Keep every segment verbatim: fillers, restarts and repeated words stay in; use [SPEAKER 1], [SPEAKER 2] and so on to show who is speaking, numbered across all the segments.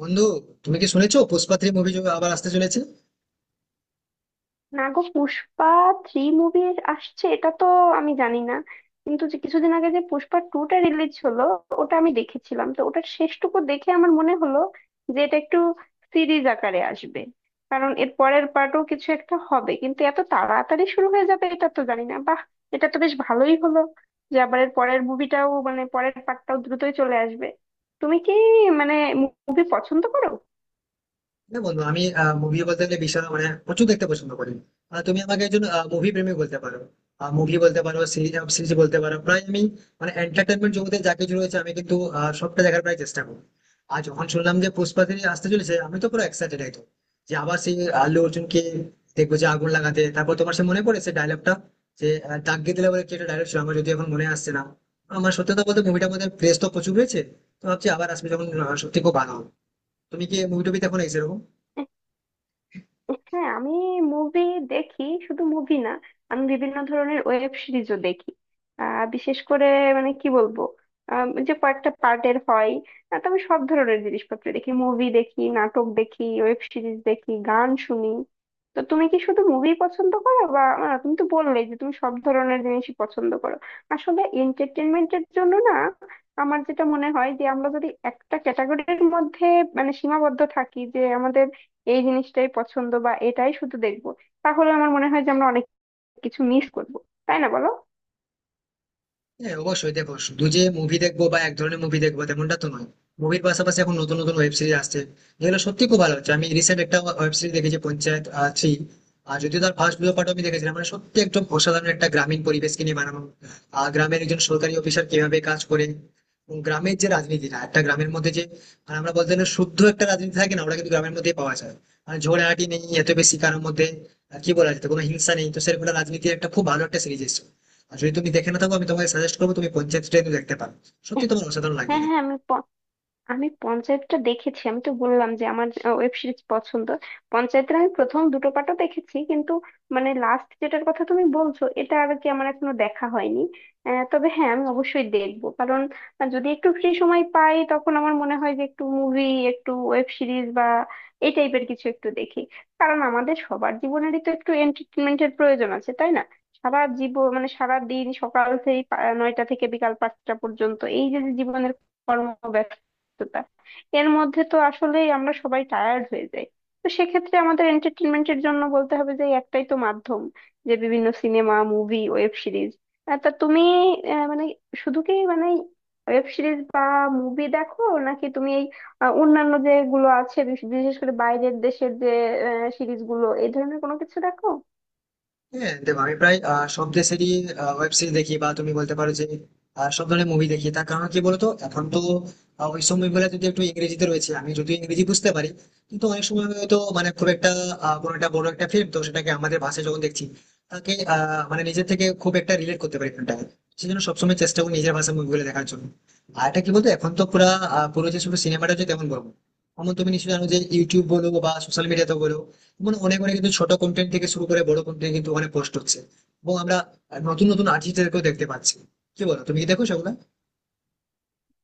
[SPEAKER 1] বন্ধু, তুমি কি শুনেছো পুষ্পা থ্রি মুভি আবার আসতে চলেছে?
[SPEAKER 2] না গো, পুষ্পা থ্রি মুভি আসছে এটা তো আমি জানি না। কিন্তু যে কিছুদিন আগে যে পুষ্পা টু টা রিলিজ হলো, ওটা আমি দেখেছিলাম। তো ওটার শেষটুকু দেখে আমার মনে হলো যে এটা একটু সিরিজ আকারে আসবে, কারণ এর পরের পার্টও কিছু একটা হবে। কিন্তু এত তাড়াতাড়ি শুরু হয়ে যাবে এটা তো জানি না। বাহ, এটা তো বেশ ভালোই হলো যে আবার এর পরের মুভিটাও, মানে পরের পার্টটাও দ্রুতই চলে আসবে। তুমি কি, মানে, মুভি পছন্দ করো?
[SPEAKER 1] হ্যাঁ বন্ধু, আমি মুভি বলতে গেলে বিশাল মানে প্রচুর দেখতে পছন্দ করি। আহ, তুমি আমাকে একজন মুভি প্রেমিক বলতে পারো। মুভি বলতে পারো, সিরিজ বলতে পারো, প্রায় আমি মানে এন্টারটেনমেন্ট জগতে যা কিছু রয়েছে আমি কিন্তু আহ, সবটা দেখার প্রায় চেষ্টা করি। আর যখন শুনলাম যে পুষ্পা থ্রি আসতে চলেছে, আমি তো পুরো এক্সাইটেড একদম, যে আবার সেই আল্লু অর্জুনকে দেখবো যে আগুন লাগাতে। তারপর তোমার সে মনে পড়ে সে ডায়লগটা, যে আহ, দাগিয়ে দিলে বলে কি একটা ডায়লগ ছিল, আমার যদি এখন মনে আসছে না। আমার সত্যি কথা বলতে মুভিটার মধ্যে ক্রেজ তো প্রচুর রয়েছে। তো ভাবছি আবার আসবে যখন, আহ, সত্যি খুব ভালো হবে। তুমি কি মুভি টুবি দেখো না সেরকম?
[SPEAKER 2] হ্যাঁ, আমি মুভি দেখি। শুধু মুভি না, আমি বিভিন্ন ধরনের ওয়েব সিরিজও দেখি। আহ, বিশেষ করে, মানে কি বলবো, আম, যে কয়েকটা পার্টের হয়। আহ, তো আমি সব ধরনের জিনিসপত্র দেখি, মুভি দেখি, নাটক দেখি, ওয়েব সিরিজ দেখি, গান শুনি। তো তুমি কি শুধু মুভি পছন্দ করো, বা আহ, তুমি তো বললেই যে তুমি সব ধরনের জিনিসই পছন্দ করো। আসলে এন্টারটেনমেন্টের জন্য না, আমার যেটা মনে হয় যে আমরা যদি একটা ক্যাটাগরির মধ্যে মানে সীমাবদ্ধ থাকি, যে আমাদের এই জিনিসটাই পছন্দ বা এটাই শুধু দেখবো, তাহলে আমার মনে হয় যে আমরা অনেক কিছু মিস করব। তাই না, বলো?
[SPEAKER 1] হ্যাঁ অবশ্যই, দেখো শুধু যে মুভি দেখবো বা এক ধরনের মুভি দেখবো তেমনটা তো নয়। মুভির পাশাপাশি এখন নতুন নতুন ওয়েব সিরিজ আসছে, যেগুলো সত্যি খুব ভালো হচ্ছে। আমি রিসেন্ট একটা ওয়েব সিরিজ দেখেছি, পঞ্চায়েত থ্রি। আর যদিও তার ফার্স্ট দুটো পার্ট আমি দেখেছিলাম, মানে সত্যি একদম অসাধারণ, একটা গ্রামীণ পরিবেশকে নিয়ে বানানো। আর গ্রামের একজন সরকারি অফিসার কিভাবে কাজ করে এবং গ্রামের যে রাজনীতিটা, একটা গ্রামের মধ্যে যে মানে আমরা বলতে গেলে শুদ্ধ একটা রাজনীতি থাকে না, ওটা কিন্তু গ্রামের মধ্যেই পাওয়া যায়। মানে ঝগড়াঝাটি নেই এত বেশি কারোর মধ্যে, আহ, কি বলা যেত, কোনো হিংসা নেই, তো সেরকম একটা রাজনীতির একটা খুব ভালো একটা সিরিজ এসেছে। আর যদি তুমি দেখে না থাকো, আমি তোমাকে সাজেস্ট করবো তুমি পঞ্চায়েত ডে দেখতে পারো, সত্যি তোমার অসাধারণ লাগবে।
[SPEAKER 2] হ্যাঁ, হ্যাঁ, আমি, আমি পঞ্চায়েতটা দেখেছি। আমি তো বললাম যে আমার ওয়েব সিরিজ পছন্দ। পঞ্চায়েতের আমি প্রথম দুটো পার্টও দেখেছি, কিন্তু মানে লাস্ট যেটার কথা তুমি বলছো এটা আর কি আমার এখনো দেখা হয়নি। আহ, তবে হ্যাঁ, আমি অবশ্যই দেখবো। কারণ আহ, যদি একটু ফ্রি সময় পাই, তখন আমার মনে হয় যে একটু মুভি, একটু ওয়েব সিরিজ বা এই টাইপের কিছু একটু দেখি। কারণ আমাদের সবার জীবনেরই তো একটু এন্টারটেনমেন্টের প্রয়োজন আছে, তাই না? সারা জীবন মানে সারা দিন, সকাল থেকে পা- নয়টা থেকে বিকাল পাঁচটা পর্যন্ত এই যে যে জীবনের কর্ম ব্যস্ততা, এর মধ্যে তো আসলেই আমরা সবাই টায়ার্ড হয়ে যাই। তো সেক্ষেত্রে আমাদের এন্টারটেনমেন্টের জন্য বলতে হবে যে এই একটাই তো মাধ্যম, যে বিভিন্ন সিনেমা, মুভি, ওয়েব সিরিজ। তা তুমি আহ, মানে, শুধু কি মানে ওয়েব সিরিজ বা মুভি দেখো, নাকি তুমি এই আহ, অন্যান্য যেগুলো আছে, বিশ- বিশেষ করে বাইরের দেশের যে সিরিজগুলো, এই ধরনের কোনো কিছু দেখো?
[SPEAKER 1] হ্যাঁ দেখো, আমি প্রায় আহ, সব দেশেরই ওয়েব সিরিজ দেখি, বা তুমি বলতে পারো যে আহ, সব ধরনের মুভি দেখি। তার কারণ কি বলতো, এখন তো আহ, ওই সব মুভিগুলো যদি একটু ইংরেজিতে রয়েছে, আমি যদি ইংরেজি বুঝতে পারি, কিন্তু অনেক সময় হয়তো মানে খুব একটা আহ, কোনো একটা বড় একটা ফিল্ম, তো সেটাকে আমাদের ভাষায় যখন দেখছি তাকে আহ, মানে নিজের থেকে খুব একটা রিলেট করতে পারি ফিল্মটাকে। সেই জন্য সবসময় চেষ্টা করি নিজের ভাষায় মুভিগুলো দেখার জন্য। আর এটা কি বলতো, এখন তো পুরা আহ, পুরো যে শুধু সিনেমাটা হচ্ছে তেমন বলবো, এমন তুমি নিশ্চয়ই জানো যে ইউটিউব বলো বা সোশ্যাল মিডিয়াতে বলো, মানে অনেক অনেক কিন্তু ছোট কন্টেন্ট থেকে শুরু করে বড় কন্টেন্ট কিন্তু ওখানে পোস্ট হচ্ছে, এবং আমরা নতুন নতুন আর্টিস্টদেরকেও দেখতে পাচ্ছি। কি বলো, তুমি কি দেখো সেগুলো?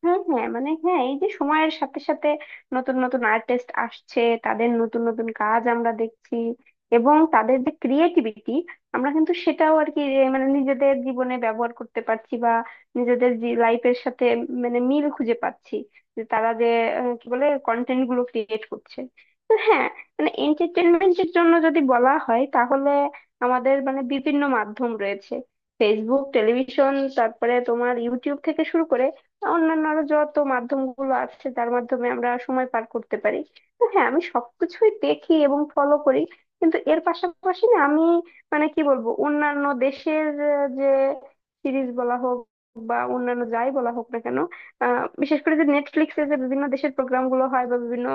[SPEAKER 2] হ্যাঁ, হ্যাঁ, মানে হ্যাঁ, এই যে সময়ের সাথে সাথে নতুন নতুন আর্টিস্ট আসছে, তাদের নতুন নতুন কাজ আমরা দেখছি। এবং তাদের যে ক্রিয়েটিভিটি, আমরা কিন্তু সেটাও আর কি, এ, মানে নিজেদের জীবনে ব্যবহার করতে পারছি, বা নিজেদের লাইফের সাথে মানে মিল খুঁজে পাচ্ছি, যে তারা যে আহ, কি বলে কন্টেন্ট গুলো ক্রিয়েট করছে। তো হ্যাঁ, মানে এন্টারটেনমেন্টের জন্য যদি বলা হয়, তাহলে আমাদের মানে বিভিন্ন মাধ্যম রয়েছে। ফেসবুক, টেলিভিশন, তারপরে তোমার ইউটিউব থেকে শুরু করে অন্যান্য আরো যত মাধ্যমগুলো আছে, যার মাধ্যমে আমরা সময় পার করতে পারি। তো হ্যাঁ, আমি সবকিছুই দেখি এবং ফলো করি। কিন্তু এর পাশাপাশি না, আমি মানে কি বলবো, অন্যান্য দেশের আহ, যে সিরিজ বলা হোক বা অন্যান্য যাই বলা হোক না কেন, আহ, বিশেষ করে যে নেটফ্লিক্সে যে বিভিন্ন দেশের প্রোগ্রাম গুলো হয় বা বিভিন্ন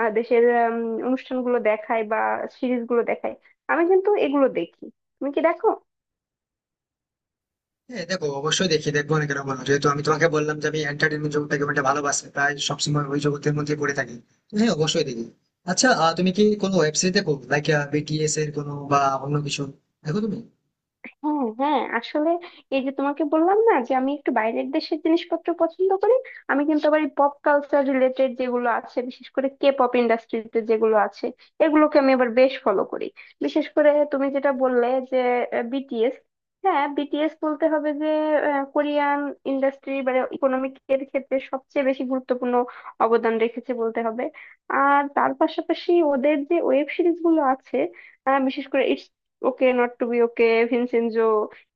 [SPEAKER 2] আহ, দেশের উম, অনুষ্ঠানগুলো দেখায় বা সিরিজগুলো দেখায়, আমি কিন্তু এগুলো দেখি। তুমি কি দেখো?
[SPEAKER 1] হ্যাঁ দেখো, অবশ্যই দেখি, দেখবো না কেন বলো, যেহেতু আমি তোমাকে বললাম যে আমি এন্টারটেনমেন্ট জগৎটাকে অনেকটা ভালোবাসি, প্রায় সবসময় ওই জগতের মধ্যে পড়ে থাকি। তো হ্যাঁ অবশ্যই দেখি। আচ্ছা, আহ, তুমি কি কোনো ওয়েব সিরিজ দেখো, লাইক বিটিএস এর কোনো বা অন্য কিছু দেখো তুমি?
[SPEAKER 2] হ্যাঁ, হ্যাঁ, আসলে এই যে তোমাকে বললাম না যে আমি একটু বাইরের দেশের জিনিসপত্র পছন্দ করি। আমি কিন্তু আবার এই পপ কালচার রিলেটেড যেগুলো আছে, বিশেষ করে কে পপ ইন্ডাস্ট্রিতে যেগুলো আছে, এগুলোকে আমি আবার বেশ ফলো করি। বিশেষ করে তুমি যেটা বললে, যে বিটিএস। হ্যাঁ, বিটিএস বলতে হবে যে আহ, কোরিয়ান ইন্ডাস্ট্রি বা ইকোনমিক এর ক্ষেত্রে সবচেয়ে বেশি গুরুত্বপূর্ণ অবদান রেখেছে বলতে হবে। আর তার পাশাপাশি ওদের যে ওয়েব সিরিজ গুলো আছে, আহ, বিশেষ করে okay not to be okay, Vincenzo,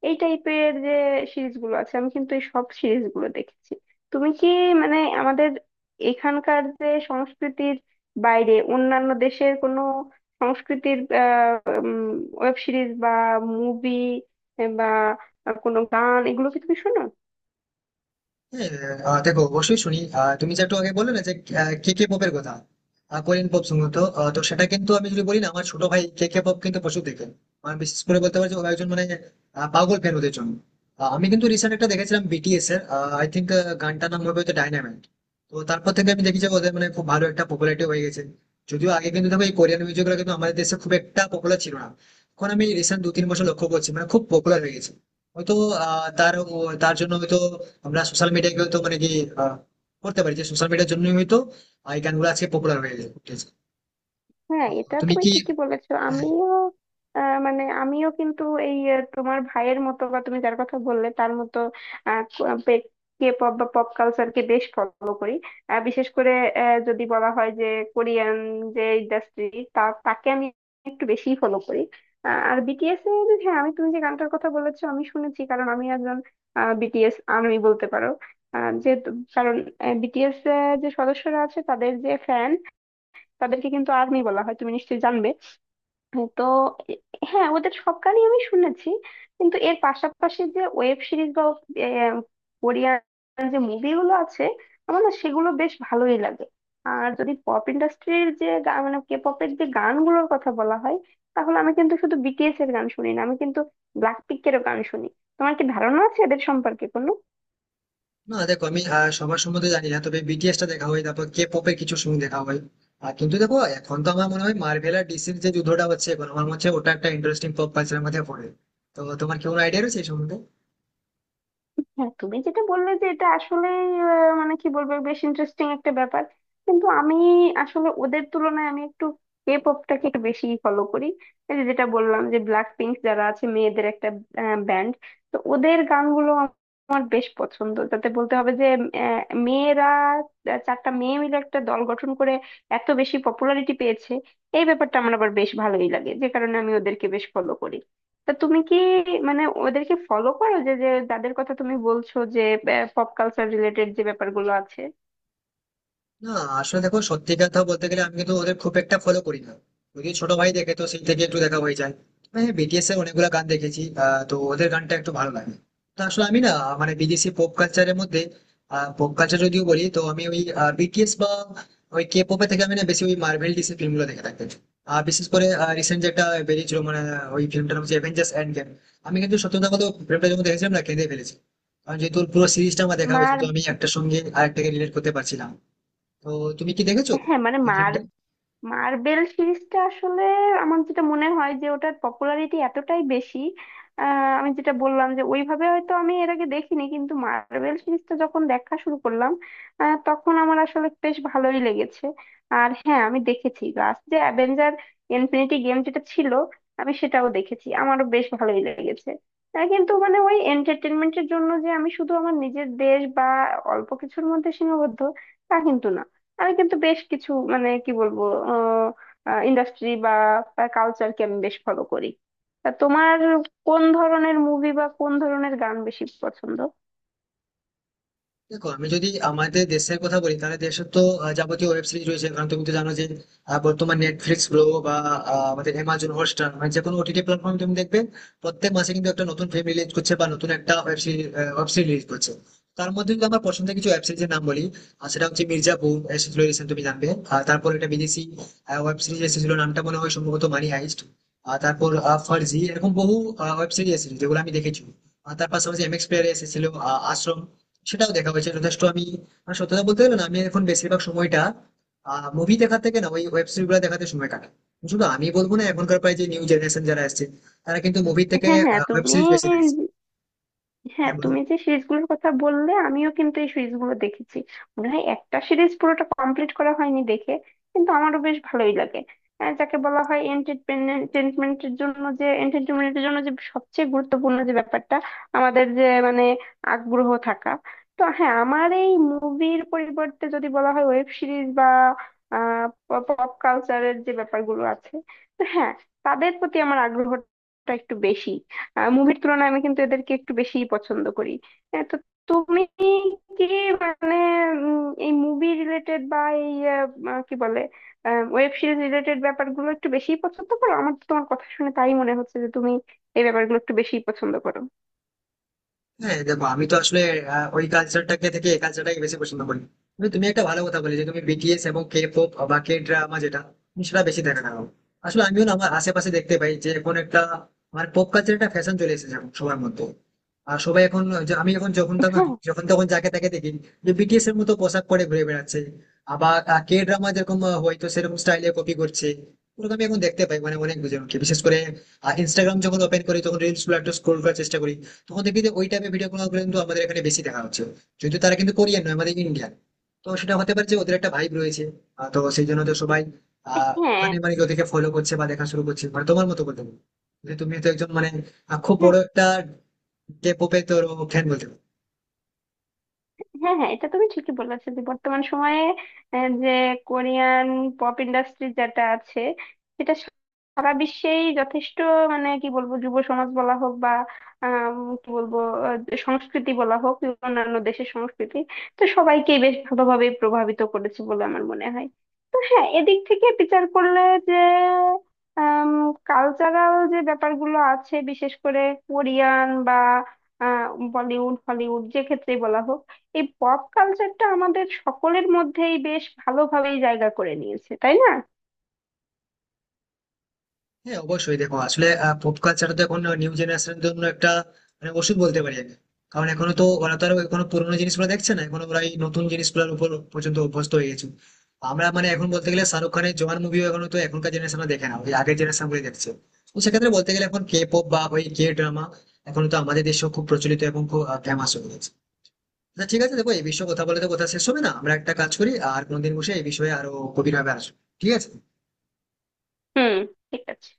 [SPEAKER 2] এই টাইপের যে সিরিজগুলো আছে আমি কিন্তু এই সব সিরিজগুলো দেখেছি। তুমি কি, মানে আমাদের এখানকার যে সংস্কৃতির বাইরে অন্যান্য দেশের কোনো সংস্কৃতির ওয়েব সিরিজ বা মুভি বা কোনো গান, এগুলো কি তুমি শোনো?
[SPEAKER 1] হ্যাঁ, আহ, দেখো অবশ্যই শুনি। আহ, তুমি যে একটু আগে বললে না যে কে কে পপের কথা, কোরিয়ান পপ সম্ভবত। আহ, তো সেটা কিন্তু আমি যদি বলি না আমার ছোট ভাই কে কে পপ কিন্তু প্রচুর দেখেন। আমার বিশেষ করে বলতে পারি যে ও একজন মানে আহ, পাগল ফ্যান ওদের জন্য। আহ, আমি কিন্তু রিসেন্ট একটা দেখেছিলাম বিটিএস এর, আই থিঙ্ক গানটার নাম হবে হয়তো ডাইনামাইট। তো তারপর থেকে আমি দেখি যে ওদের মানে খুব ভালো একটা পপুলারিটি হয়ে গেছে। যদিও আগে কিন্তু দেখো, এই কোরিয়ান মিউজিক গুলো কিন্তু আমাদের দেশে খুব একটা পপুলার ছিল না, এখন আমি রিসেন্ট দু তিন বছর লক্ষ্য করছি মানে খুব পপুলার হয়ে গেছে। হয়তো আহ, তার ও- তার জন্য হয়তো আমরা সোশ্যাল মিডিয়াকে হয়তো মানে কি আহ, করতে পারি যে সোশ্যাল মিডিয়ার জন্যই হয়তো আহ, এই গানগুলো আজকে পপুলার হয়ে উঠেছে।
[SPEAKER 2] হ্যাঁ,
[SPEAKER 1] তো
[SPEAKER 2] এটা
[SPEAKER 1] তুমি
[SPEAKER 2] তুমি
[SPEAKER 1] কি?
[SPEAKER 2] ঠিকই বলেছো।
[SPEAKER 1] হ্যাঁ,
[SPEAKER 2] আমিও আহ, মানে আমিও কিন্তু এই আহ, তোমার ভাইয়ের মতো বা তুমি যার কথা বললে তার মতো কে পপ বা পপ কালচারকে বেশ ফলো করি। আহ, বিশেষ করে আহ, যদি বলা হয় যে কোরিয়ান যে ইন্ডাস্ট্রি, তা তাকে আমি একটু বেশি ফলো করি। আহ, আর বিটিএস এর হ্যাঁ, আমি তুমি যে গানটার কথা বলেছো আমি শুনেছি। কারণ আমি একজন বিটিএস আর্মি বলতে পারো। আহ, যেহেতু কারণ বিটিএস যে সদস্যরা আছে তাদের যে ফ্যান, তাদেরকে কিন্তু আর্মি বলা হয়, তুমি নিশ্চয়ই জানবে। তো এ- হ্যাঁ, ওদের সব গানই আমি শুনেছি। কিন্তু এর পাশাপাশি যে ওয়েব সিরিজ বা আহ, কোরিয়ান যে মুভিগুলো আছে, আমার না সেগুলো বেশ ভালোই লাগে। আর যদি পপ ইন্ডাস্ট্রির যে গা- মানে কে পপের যে গানগুলোর কথা বলা হয়, তাহলে আমি কিন্তু শুধু বিটিএস এর গান শুনি না, আমি কিন্তু ব্ল্যাকপিঙ্কেরও গান শুনি। তোমার কি ধারণা আছে এদের সম্পর্কে কোনো?
[SPEAKER 1] না দেখো, আমি আহ, সবার সম্বন্ধে জানি না, তবে বিটিএস টা দেখা হয়, তারপর কে পপের কিছু সং দেখা হয়। আর কিন্তু দেখো, এখন তো আমার মনে হয় মার্ভেল আর ডিসির যে যুদ্ধটা হচ্ছে, এখন আমার মনে হচ্ছে ওটা একটা ইন্টারেস্টিং পপ কালচারের মধ্যে পড়ে। তো তোমার কি কোনো আইডিয়া রয়েছে এই সম্বন্ধে?
[SPEAKER 2] হ্যাঁ, তুমি যেটা বললে যে এটা আসলে মানে কি বলবো, বেশ ইন্টারেস্টিং একটা ব্যাপার। কিন্তু আমি আসলে ওদের তুলনায় আমি একটু কে পপটাকে একটু বেশি ফলো করি। এই যে যেটা বললাম, যে ব্ল্যাক পিঙ্ক যারা আছে, মেয়েদের একটা ব্যান্ড, তো ওদের গানগুলো আমার বেশ পছন্দ। তাতে বলতে হবে যে আহ, মেয়েরা, আহ, চারটা মেয়ে মিলে একটা দল গঠন করে এত বেশি পপুলারিটি পেয়েছে। এই ব্যাপারটা আমার আবার বেশ ভালোই লাগে, যে কারণে আমি ওদেরকে বেশ ফলো করি। তা তুমি কি, মানে ওদেরকে ফলো করো, যে যে যাদের কথা তুমি বলছো, যে পপ কালচার রিলেটেড যে ব্যাপারগুলো আছে?
[SPEAKER 1] না, আসলে দেখো সত্যি কথা বলতে গেলে আমি কিন্তু ওদের খুব একটা ফলো করি না। যদি ছোট ভাই দেখে তো সেই থেকে একটু দেখা হয়ে যায়, মানে বিটিএস এর অনেকগুলো গান দেখেছি, আহ, তো ওদের গানটা একটু ভালো লাগে। তো আসলে আমি না মানে বিদেশি পপ কালচারের মধ্যে, পপ কালচার যদিও বলি তো আমি ওই বিটিএস বা ওই কে পপে থেকে আমি না বেশি ওই মার্ভেল ডিসি ফিল্মগুলো দেখে থাকি। আর বিশেষ করে রিসেন্ট যেটা বেরিয়েছিল মানে ওই ফিল্মটার নাম হচ্ছে অ্যাভেঞ্জার্স এন্ড গেম। আমি কিন্তু সত্যি কথা বলতে, ফিল্মটা যখন দেখেছিলাম না কেঁদে ফেলেছি, কারণ যেহেতু ওর পুরো সিরিজটা আমার দেখা হয়েছে
[SPEAKER 2] মার
[SPEAKER 1] তো আমি একটা সঙ্গে আরেকটাকে রিলেট করতে পারছিলাম। তো তুমি কি দেখেছো
[SPEAKER 2] হ্যাঁ, মানে
[SPEAKER 1] এই
[SPEAKER 2] মার
[SPEAKER 1] ফিল্মটা?
[SPEAKER 2] মার্বেল সিরিজটা আসলে আমার যেটা মনে হয় যে ওটার পপুলারিটি এতটাই বেশি, আহ, আমি যেটা বললাম যে ওইভাবে হয়তো আমি এর আগে দেখিনি। কিন্তু মার্বেল সিরিজটা যখন দেখা শুরু করলাম, আহ, তখন আমার আসলে বেশ ভালোই লেগেছে। আর হ্যাঁ, আমি দেখেছি লাস্ট যে অ্যাভেঞ্জার ইনফিনিটি গেম যেটা ছিল, আমি সেটাও দেখেছি, আমারও বেশ ভালোই লেগেছে। আহ, কিন্তু মানে ওই এন্টারটেনমেন্টের জন্য যে আমি শুধু আমার নিজের দেশ বা অল্প কিছুর মধ্যে সীমাবদ্ধ, তা কিন্তু না। আমি কিন্তু বেশ কিছু মানে কি বলবো, ইন্ডাস্ট্রি বা কালচারকে আমি বেশ ফলো করি। তা তোমার কোন ধরনের মুভি বা কোন ধরনের গান বেশি পছন্দ?
[SPEAKER 1] দেখো, আমি যদি আমাদের দেশের কথা বলি তাহলে দেশের তো আহ, যাবতীয় ওয়েব সিরিজ রয়েছে, কারণ তুমি তো জানো যে আহ, বর্তমান নেটফ্লিক্স বলো বা আহ, আমাদের অ্যামাজন হটস্টার মানে যে কোনো ওটিটি প্ল্যাটফর্ম তুমি দেখবে, প্রত্যেক মাসে কিন্তু একটা নতুন ফিল্ম রিলিজ করছে বা নতুন একটা web series web series release করছে। তার মধ্যে যদি আমার পছন্দের কিছু ওয়েব সিরিজের নাম বলি, আহ, সেটা হচ্ছে মির্জাপুর, এসেছিল রিসেন্ট তুমি জানবে। আর তারপর একটা বিদেশি ওয়েব সিরিজ এসেছিল, নামটা মনে হয় সম্ভবত মানি হাইস্ট। আর তারপর আহ, ফার্জি, এরকম বহু ওয়েব সিরিজ এসেছিল যেগুলো আমি দেখেছি। আর তার পাশাপাশি এমএক্স প্লেয়ারে এসেছিল আহ, আশ্রম, সেটাও দেখা হয়েছে যথেষ্ট। আমি মানে সত্যি কথা বলতে গেলে না আমি এখন বেশিরভাগ সময়টা মুভি দেখার থেকে না ওই ওয়েব সিরিজ গুলো দেখাতে সময় কাটাই। শুধু আমি বলবো না, এখনকার প্রায় যে নিউ জেনারেশন যারা আসছে তারা কিন্তু মুভি থেকে
[SPEAKER 2] হ্যাঁ হ্যাঁ
[SPEAKER 1] ওয়েব
[SPEAKER 2] তুমি
[SPEAKER 1] সিরিজ বেশি দেখছে।
[SPEAKER 2] হ্যাঁ,
[SPEAKER 1] হ্যাঁ বলো।
[SPEAKER 2] তুমি যে সিরিজগুলোর কথা বললে আমিও কিন্তু এই সিরিজগুলো দেখেছি। মনে হয় একটা সিরিজ পুরোটা কমপ্লিট করা হয়নি দেখে, কিন্তু আমারও বেশ ভালোই লাগে। আহ, যাকে বলা হয় এন্টারটেনমেন্টের জন্য, যে এন্টারটেনমেন্টের জন্য যে সবচেয়ে গুরুত্বপূর্ণ যে ব্যাপারটা আমাদের যে মানে আগ্রহ থাকা। তো হ্যাঁ, আমার এই মুভির পরিবর্তে যদি বলা হয় ওয়েব সিরিজ বা পপ কালচারের যে ব্যাপারগুলো আছে, তো হ্যাঁ, তাদের প্রতি আমার আগ্রহটা একটু বেশি। মুভির তুলনায় আমি কিন্তু এদেরকে একটু বেশিই পছন্দ করি। আহ, তো তুমি কি, মানে উম, এই মুভি রিলেটেড বা এই আহ, আহ, কি বলে ওয়েব সিরিজ রিলেটেড ব্যাপারগুলো একটু বেশিই পছন্দ করো? আমার তো তোমার কথা শুনে তাই মনে হচ্ছে যে তুমি এই ব্যাপারগুলো একটু বেশিই পছন্দ করো।
[SPEAKER 1] হ্যাঁ দেখো, আমি তো আসলে আহ, ওই কালচারটাকে থেকে এই কালচারটাকে বেশি পছন্দ করি, কিন্তু তুমি একটা ভালো কথা বলে যে তুমি বিটিএস এবং কে পপ বা কে ড্রামা যেটা, তুমি সেটা বেশি দেখা থাকো। আসলে আমিও না, আমার আশেপাশে দেখতে পাই যে এখন একটা আমার পপ কালচার একটা ফ্যাশন চলে এসেছে এখন সবার মধ্যে, আর সবাই এখন যে- আমি এখন যখন তখন যখন তখন যাকে তাকে দেখি যে বিটিএস এর মতো পোশাক পরে ঘুরে বেড়াচ্ছে। আবার কে ড্রামা যেরকম, আহ, হয়তো সেরকম স্টাইলে কপি করছে, ওরকম আমি এখন দেখতে পাই মানে অনেক জন, বিশেষ করে ইনস্টাগ্রাম যখন ওপেন করি তখন রিলস গুলো একটু স্ক্রোল করার চেষ্টা করি, তখন দেখবি যে ওই টাইপের ভিডিও গুলো কিন্তু আমাদের এখানে বেশি দেখা হচ্ছে। যদিও তারা কিন্তু কোরিয়ান নয়, আমাদের ইন্ডিয়ান। তো সেটা হতে পারে যে ওদের একটা ভাইব রয়েছে, আহ, তো সেই জন্য তো সবাই আহ
[SPEAKER 2] হ্যাঁ,
[SPEAKER 1] ওখানে মানে ওদেরকে ফলো করছে বা দেখা শুরু করছে, মানে তোমার মতো বলতে পারো যে তুমি তো একজন মানে আহ, খুব
[SPEAKER 2] হ্যাঁ,
[SPEAKER 1] বড় একটা কে পপের তোর ফ্যান বলতে পারো।
[SPEAKER 2] হ্যাঁ, হ্যাঁ, এটা তুমি ঠিকই বলেছো যে বর্তমান সময়ে আহ, যে কোরিয়ান পপ ইন্ডাস্ট্রি যেটা আছে, সেটা সারা বিশ্বেই যথেষ্ট, মানে কি বলবো, যুব সমাজ বলা হোক বা আম, কি বলবো আহ, সংস্কৃতি বলা হোক, অন্যান্য দেশের সংস্কৃতি, তো সবাইকেই বেশ ভালোভাবে প্রভাবিত করেছে বলে আমার মনে হয়। হ্যাঁ, এদিক থেকে বিচার করলে যে কালচারাল যে ব্যাপারগুলো আছে, বিশেষ করে কোরিয়ান বা আহ, বলিউড, হলিউড, যে ক্ষেত্রেই বলা হোক, এই পপ কালচারটা আমাদের সকলের মধ্যেই বেশ ভালোভাবেই জায়গা করে নিয়েছে, তাই না?
[SPEAKER 1] হ্যাঁ অবশ্যই, দেখো আসলে পপ কালচারটা তো এখন নিউ জেনারেশনের জন্য একটা মানে ওষুধ বলতে পারি আমি, কারণ এখনো তো ওরা তো আর এখনো পুরোনো জিনিসগুলো দেখছে না, এখন ওরা এই নতুন জিনিসগুলোর উপর পর্যন্ত অভ্যস্ত হয়ে গেছে। আমরা মানে এখন বলতে গেলে শাহরুখ খানের জওয়ান মুভিও এখন তো এখনকার জেনারেশনরা দেখে না, ওই আগের জেনারেশন গুলো দেখছে। তো সেক্ষেত্রে বলতে গেলে এখন কে পপ বা ওই কে ড্রামা এখন তো আমাদের দেশেও খুব প্রচলিত এবং খুব ফেমাস হয়ে গেছে। আচ্ছা ঠিক আছে, দেখো এই বিষয়ে কথা বলে তো কথা শেষ হবে না, আমরা একটা কাজ করি আর কোনদিন বসে এই বিষয়ে আরো গভীরভাবে আসবো। ঠিক আছে?
[SPEAKER 2] হুম, ঠিক আছে।